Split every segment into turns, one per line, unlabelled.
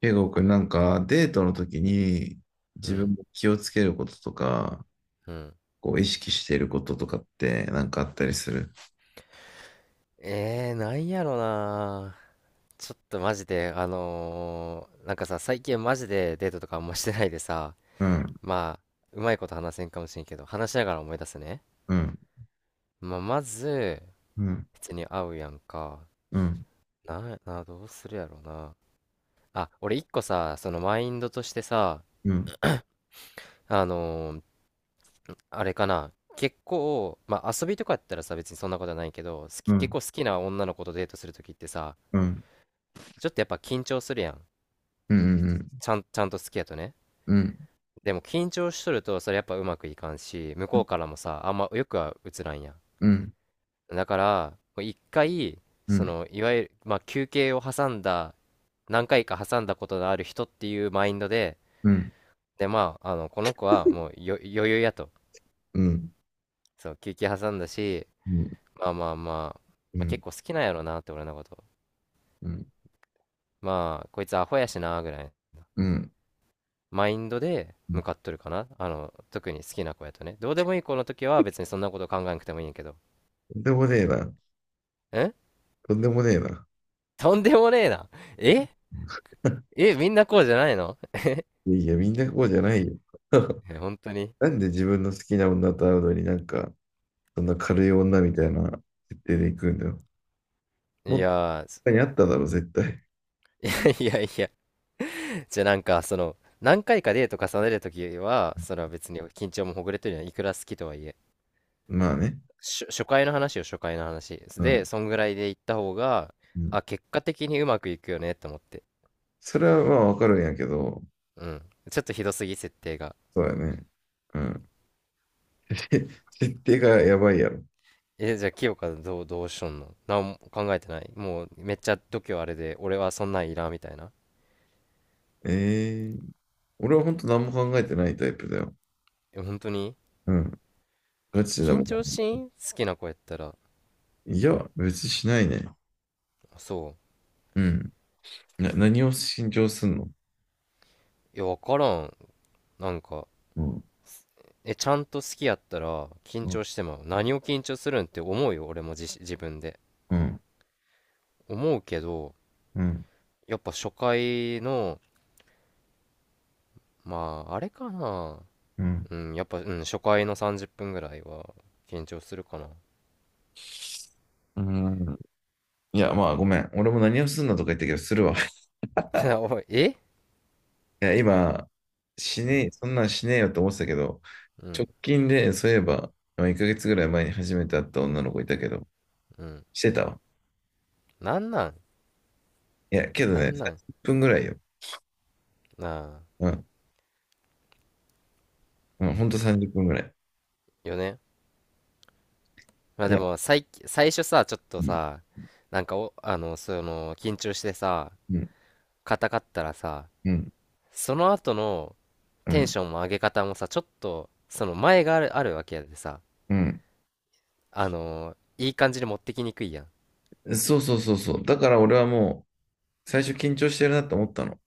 ケイゴくんなんかデートの時に
う
自
ん。
分も気をつけることとか、
うん。
こう意識していることとかってなんかあったりする？
なんやろな。ちょっとマジで、なんかさ、最近マジでデートとかあんましてないでさ、
うん、
まあ、うまいこと話せんかもしれんけど、話しながら思い出すね。
うん、
まあ、まず、
うん、
普通に会うやんか。
うん、
どうするやろうな。あ、俺一個さ、そのマインドとしてさ、
うん、
あのーあれかな。結構、まあ遊びとかやったらさ、別にそんなことはないけど、
う
結
ん、
構好きな女の子とデートするときってさ、
うん、うん、
ちょっとやっぱ緊張するやん。
うん、
ちゃんと好きやとね。
うん、
でも緊張しとるとそれやっぱうまくいかんし、向こうからもさ、あんまよくは映らんやん。
うん、
だから、もう一回、
う
そ
ん、
の、いわゆる、まあ休憩を挟んだ、何回か挟んだことのある人っていうマインドで、
うん、うん、
で、まあ、あの、この子はもう余裕やと。
うん、
そう、休憩挟んだし、まあまあまあ、まあ、結
う
構好きなんやろなって俺のこと。
ん、
まあ、こいつアホやしな、ぐらい。
うん。
マインドで向かっとるかな。あの、特に好きな子やとね。どうでもいい子の時は別にそんなこと考えなくてもいいんやけど。
とんでもねえな。
ん。
とんでもねえな。
とんでもねえな。え。え、みんなこうじゃないの？
いやいや、みんなこうじゃないよ。
え、本当に。
なんで自分の好きな女と会うのになんか、そんな軽い女みたいな設定で行くんだよ。も
い
っと
や
他にあっただろ、絶対。
ー、いやいや。じゃあなんか、その、何回かデート重ねるときは、それは別に緊張もほぐれてるのはいくら好きとはいえ。
まあね。
し、初回の話よ、初回の話。
う
で、
ん。
そんぐらいで行った方が、
うん。
あ、結果的にうまくいくよねと思って。
それはまあわかるんやけど、
うん。ちょっとひどすぎ、設定が。
そうやね。うん。て 設定がやばいやろ。
え、じゃあ、清香どうしとんの？何も考えてない、もう、めっちゃ度胸あれで、俺はそんなんいらんみたいな。
ええ。俺は本当何も考えてないタイプだよ。
え、本当に？
うん。ガチだ
緊
も
張しん、好きな子やったら。
いや、別にしないね。
そ
うん。何を信条すんの？
う。いや、わからん。なんか、
うん。
え、ちゃんと好きやったら、緊
うん。
張しても、何を緊張するんって思うよ、俺も自分で。
うん。
思うけど、
うん。
やっぱ初回の、まあ、あれかな。
うん。
うん、やっぱ、うん、初回の30分ぐらいは、緊張するかな。
うん。いや、まあごめん。俺も何をすんのとか言ったけど、するわ。
おい、
いや、今、し
う
ね
ん、
え、そんなんしねえよと思ってたけど、
う
直
ん、
近で、そういえば、まあ1ヶ月ぐらい前に初めて会った女の子いたけど、
うん。
してたわ。
なんなん、
いや、けど
な
ね、
んなん、
30分ぐらいよ。
な
うん。うん、ほんと30分ぐらい。
あ、よね。まあ
い
で
や、
も、最初さ、ちょっと
うん、
さ、なんかお、緊張してさ、
うん、
硬かったらさ、
うん、
その後の
う
テン
ん、
ションも上げ方もさ、ちょっと、その前があるわけやでさ、
うん。
いい感じに持ってきにくいやん。
そうそうそうそう。だから俺はもう、最初緊張してるなと思ったの。だ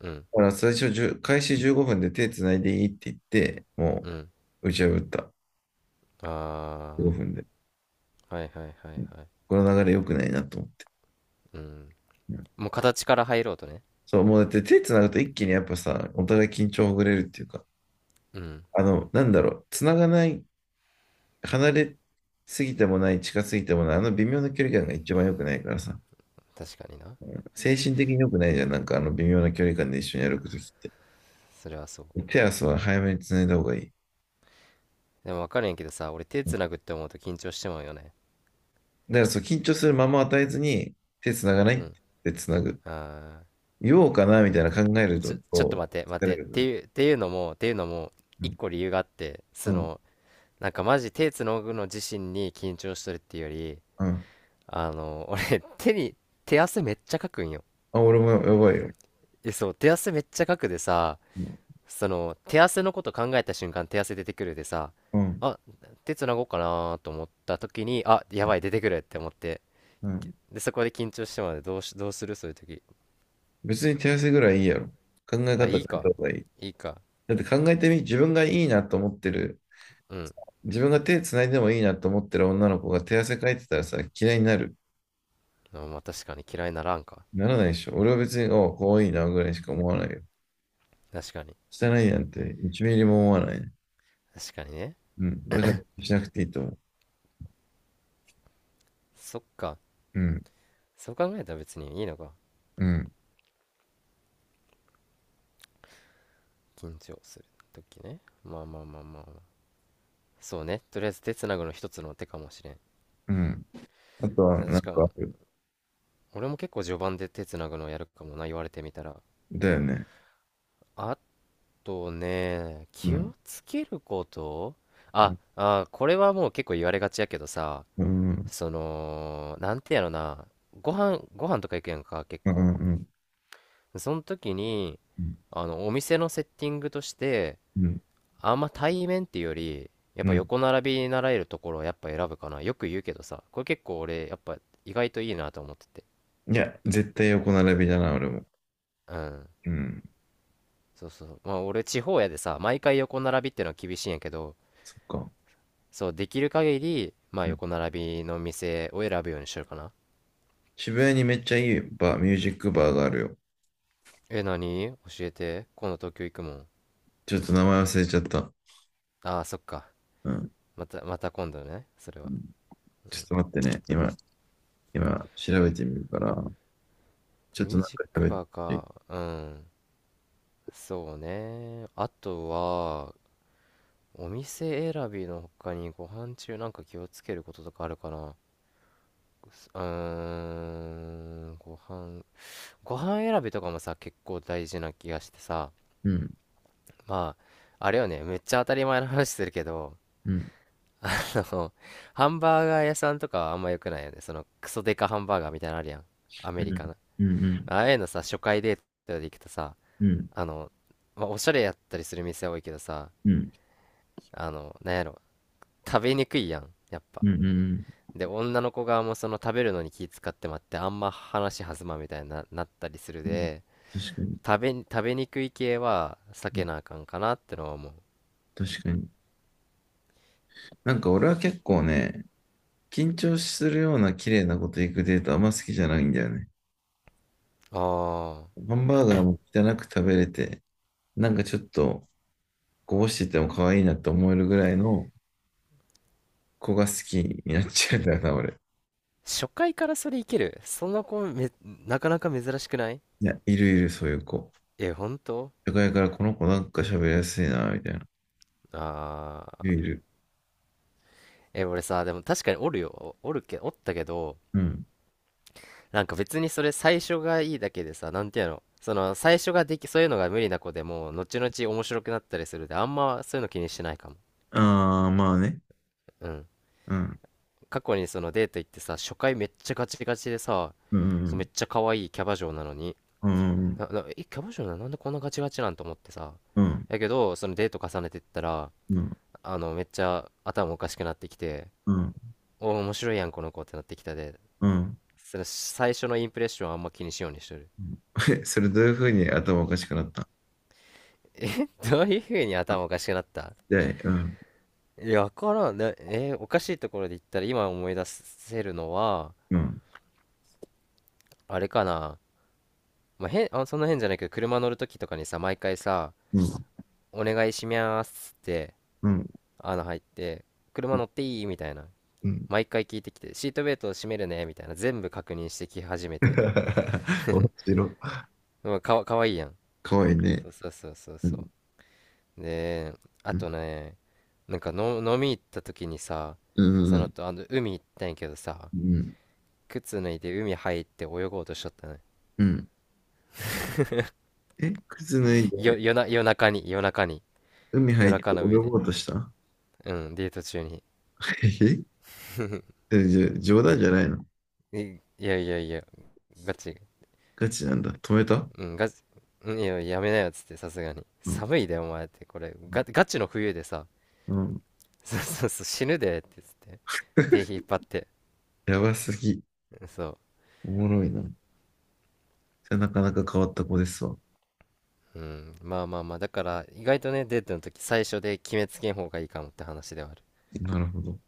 うん、
から最初10、開始15分で手つないでいいって言って、も
うん。
う、打ち破った。15
あ
分で。
あー、はいはいは
う
い
ん。
はい。
この流れ良くないなと思って。
うん。
うん。
もう形から入ろうとね。
そう、もうだって手つなぐと一気にやっぱさ、お互い緊張ほぐれるっていうか、
うん、
あの、なんだろう、つながない、離れすぎてもない、近すぎてもない、あの微妙な距離感が一番良くないからさ、
確かにな。
精神的に良くないじゃん、なんかあの微妙な距離感で一緒に歩くときって。
それはそう。
手足は早めにつないだ方がいい。
でもわかるんやけどさ、俺手
うん。
繋ぐって思うと緊張してまうよね。
だからそう、緊張するまま与えずに、手つながないっ
う
てつなぐ。
ん。ああ
言おうかな、みたいな考える
ー、
と、
ちょっと待って、待
疲れ
って。
るから。
っていうのも、
う
一
ん、
個理由があって、
う
そ
ん、
の、なんかマジ手つのぐの自身に緊張してるっていうより、
うん。
俺手汗めっちゃかくんよ。
あ、俺もやばいよ。
え、そう、手汗めっちゃかくでさ、
うん、
その手汗のこと考えた瞬間手汗出てくるでさ、
うん、
あ、手つなごうかなと思った時に、あ、やばい出てくるって思って、
うん。
でそこで緊張してまでどうするそういう時。
別に手汗ぐらいいいやろ。考え
あ、
方
い
変
い
えた
か、
方がいい。
いいか。
だって考えてみ、自分がいいなと思ってる、
うん。
自分が手つないでもいいなと思ってる女の子が手汗かいてたらさ、嫌いになる。
あ、まあ確かに嫌いならんか。
ならないでしょ。俺は別に、おう、かわいいなぐらいしか思わないよ。
確かに。
汚いなんて1ミリも思わないね。
確かにね。
うん。だからしなくていいと思う。
そっか。
うん、
そう考えたら別にいいのか。
うん、
緊張する時ね。まあまあまあまあ、まあ、そうね、とりあえず手つなぐの一つの手かもしれん。
うん。あとは、なん
確か、
かある？
俺も結構序盤で手つなぐのやるかもな、言われてみたら。
だよね。
あとね、
う
気を
ん。
つけること。
うん、
これはもう結構言われがちやけどさ、
うん、うん、
そのなんてやろな、ご飯とか行くやんか結
う
構、
ん、
その時に、
うん。
あのお店のセッティングとして、
うん。
あんま対面っていうより、やっ
う
ぱ
ん。
横並びになられるところをやっぱ選ぶかな。よく言うけどさ、これ結構俺、やっぱ意外といいなと思ってて。
いや、絶対横並びだな、俺も。
うん。
うん。
そうそう。まあ俺、地方やでさ、毎回横並びってのは厳しいんやけど、
そっか。
そう、できる限り、まあ
うん。
横並びの店を選ぶようにしてるかな。
渋谷にめっちゃいいバー、ミュージックバーがあるよ。
え、何？教えて。今度東京行くもん。
ちょっと名前忘れちゃった。
ああ、そっか。
うん。
また、また今度ね。それ
う
は。
ん。
う
ちょっ
ん。
と待ってね。今、調べてみるから、ちょっと
ミュ
な
ー
んか
ジック
喋っ
バー
て。
か。うん。そうね。あとは、お店選びの他にご飯中なんか気をつけることとかあるかな。うーん、ご飯、ご飯選びとかもさ、結構大事な気がしてさ、
うん、
まあ、あれよね、めっちゃ当たり前の話するけど、
うん、
あの、ハンバーガー屋さんとかはあんま良くないよね。そのクソデカハンバーガーみたいなのあるやん。ア
う
メ
ん、
リカの。
うん、うん、
ああいうのさ、初回デートで行くとさ、
うん、
あの、まあ、おしゃれやったりする店多いけどさ、
うん、
あの、なんやろ、食べにくいやん、やっぱ。
うん、うん、うん。
で女の子側もその食べるのに気使ってまってあんま話弾まんみたいになったりする
うん。
で、
確かに、
食べにくい系は避
う
け
ん。
なあかんかなってのは思う。
確かに。なんか俺は結構ね、緊張するような綺麗なこと行くデートあんま好きじゃないんだよね。
ああ、
ハンバーガーも汚く食べれて、なんかちょっとこぼしてても可愛いなって思えるぐらいの子が好きになっちゃうんだよな、俺。
初回からそれいけるその子め、なかなか珍しくない？
いや、いるいる、そういう子。
え、本当？
社会からこの子なんか喋りやすいな、みたいな。
あ
いる
あ
い
ー。
る。
え、俺さ、でも確かにおるよ、おったけど、
うん。
なんか別にそれ最初がいいだけでさ、なんていうの、その最初ができ、そういうのが無理な子でも後々面白くなったりするで、あんまそういうの気にしてないかも。
ああ、まあね。
うん。
うん。
過去にそのデート行ってさ、初回めっちゃガチガチでさ、
う
そうめ
ん。
っちゃ可愛いキャバ嬢なのに、
うん。うん。
え、キャバ嬢なのなんでこんなガチガチなんと思ってさ。
うん。
やけど、そのデート重ねてったら、
うん。
あの、めっちゃ頭おかしくなってきて、
うん。
おー、面白いやん、この子ってなってきたで、
うん。
その最初のインプレッションはあんま気にしようにしとる。
え、それどういうふうに頭おかしくなった？
え、どういう風に頭おかしくなった？
で、うん。
いや、わからん。えーおかしいところで言ったら今思い出せるのは、
うん。
あれかな。まあ、そんな変じゃないけど、車乗るときとかにさ、毎回さ、
うん。
お願いしますって
うん。
穴入って車乗っていいみたいな
うん。
毎回聞いてきて、シートベルトを締めるねみたいな全部確認してき始め て。
面白い。
うん。かわいいやん。
かわいいね。
そうそうそうそう
うん。
そう。で、あ
うん。
とね、なんかの飲み行った時にさ、
う
その
ん。
とあの海行ったんやけどさ、
うん。
靴脱いで海入って泳ごうとしちゃったね。
うん。え、靴脱いで
夜な夜中に、夜中に、
海入
夜
って
中の
泳
海で。
ごうとした？
うん、デート中に。
えじゃ、冗談じゃないの？
いいやいやいや。ガチ。
ガチなんだ。止めた？
うん、ガチ。うん、いや、やめなよっつって、さすがに。
うん。
寒いで、お前って、これ、
う
ガチの冬でさ、
ん。うん。
そうそうそう、死ぬでってつって、手引っ 張って、
やばすぎ。
そ
おもろいな。それなかなか変わった子ですわ。
う、うん、まあまあまあ、だから、意外とね、デートの時、最初で決めつけん方がいいかもって話ではある。
なるほど。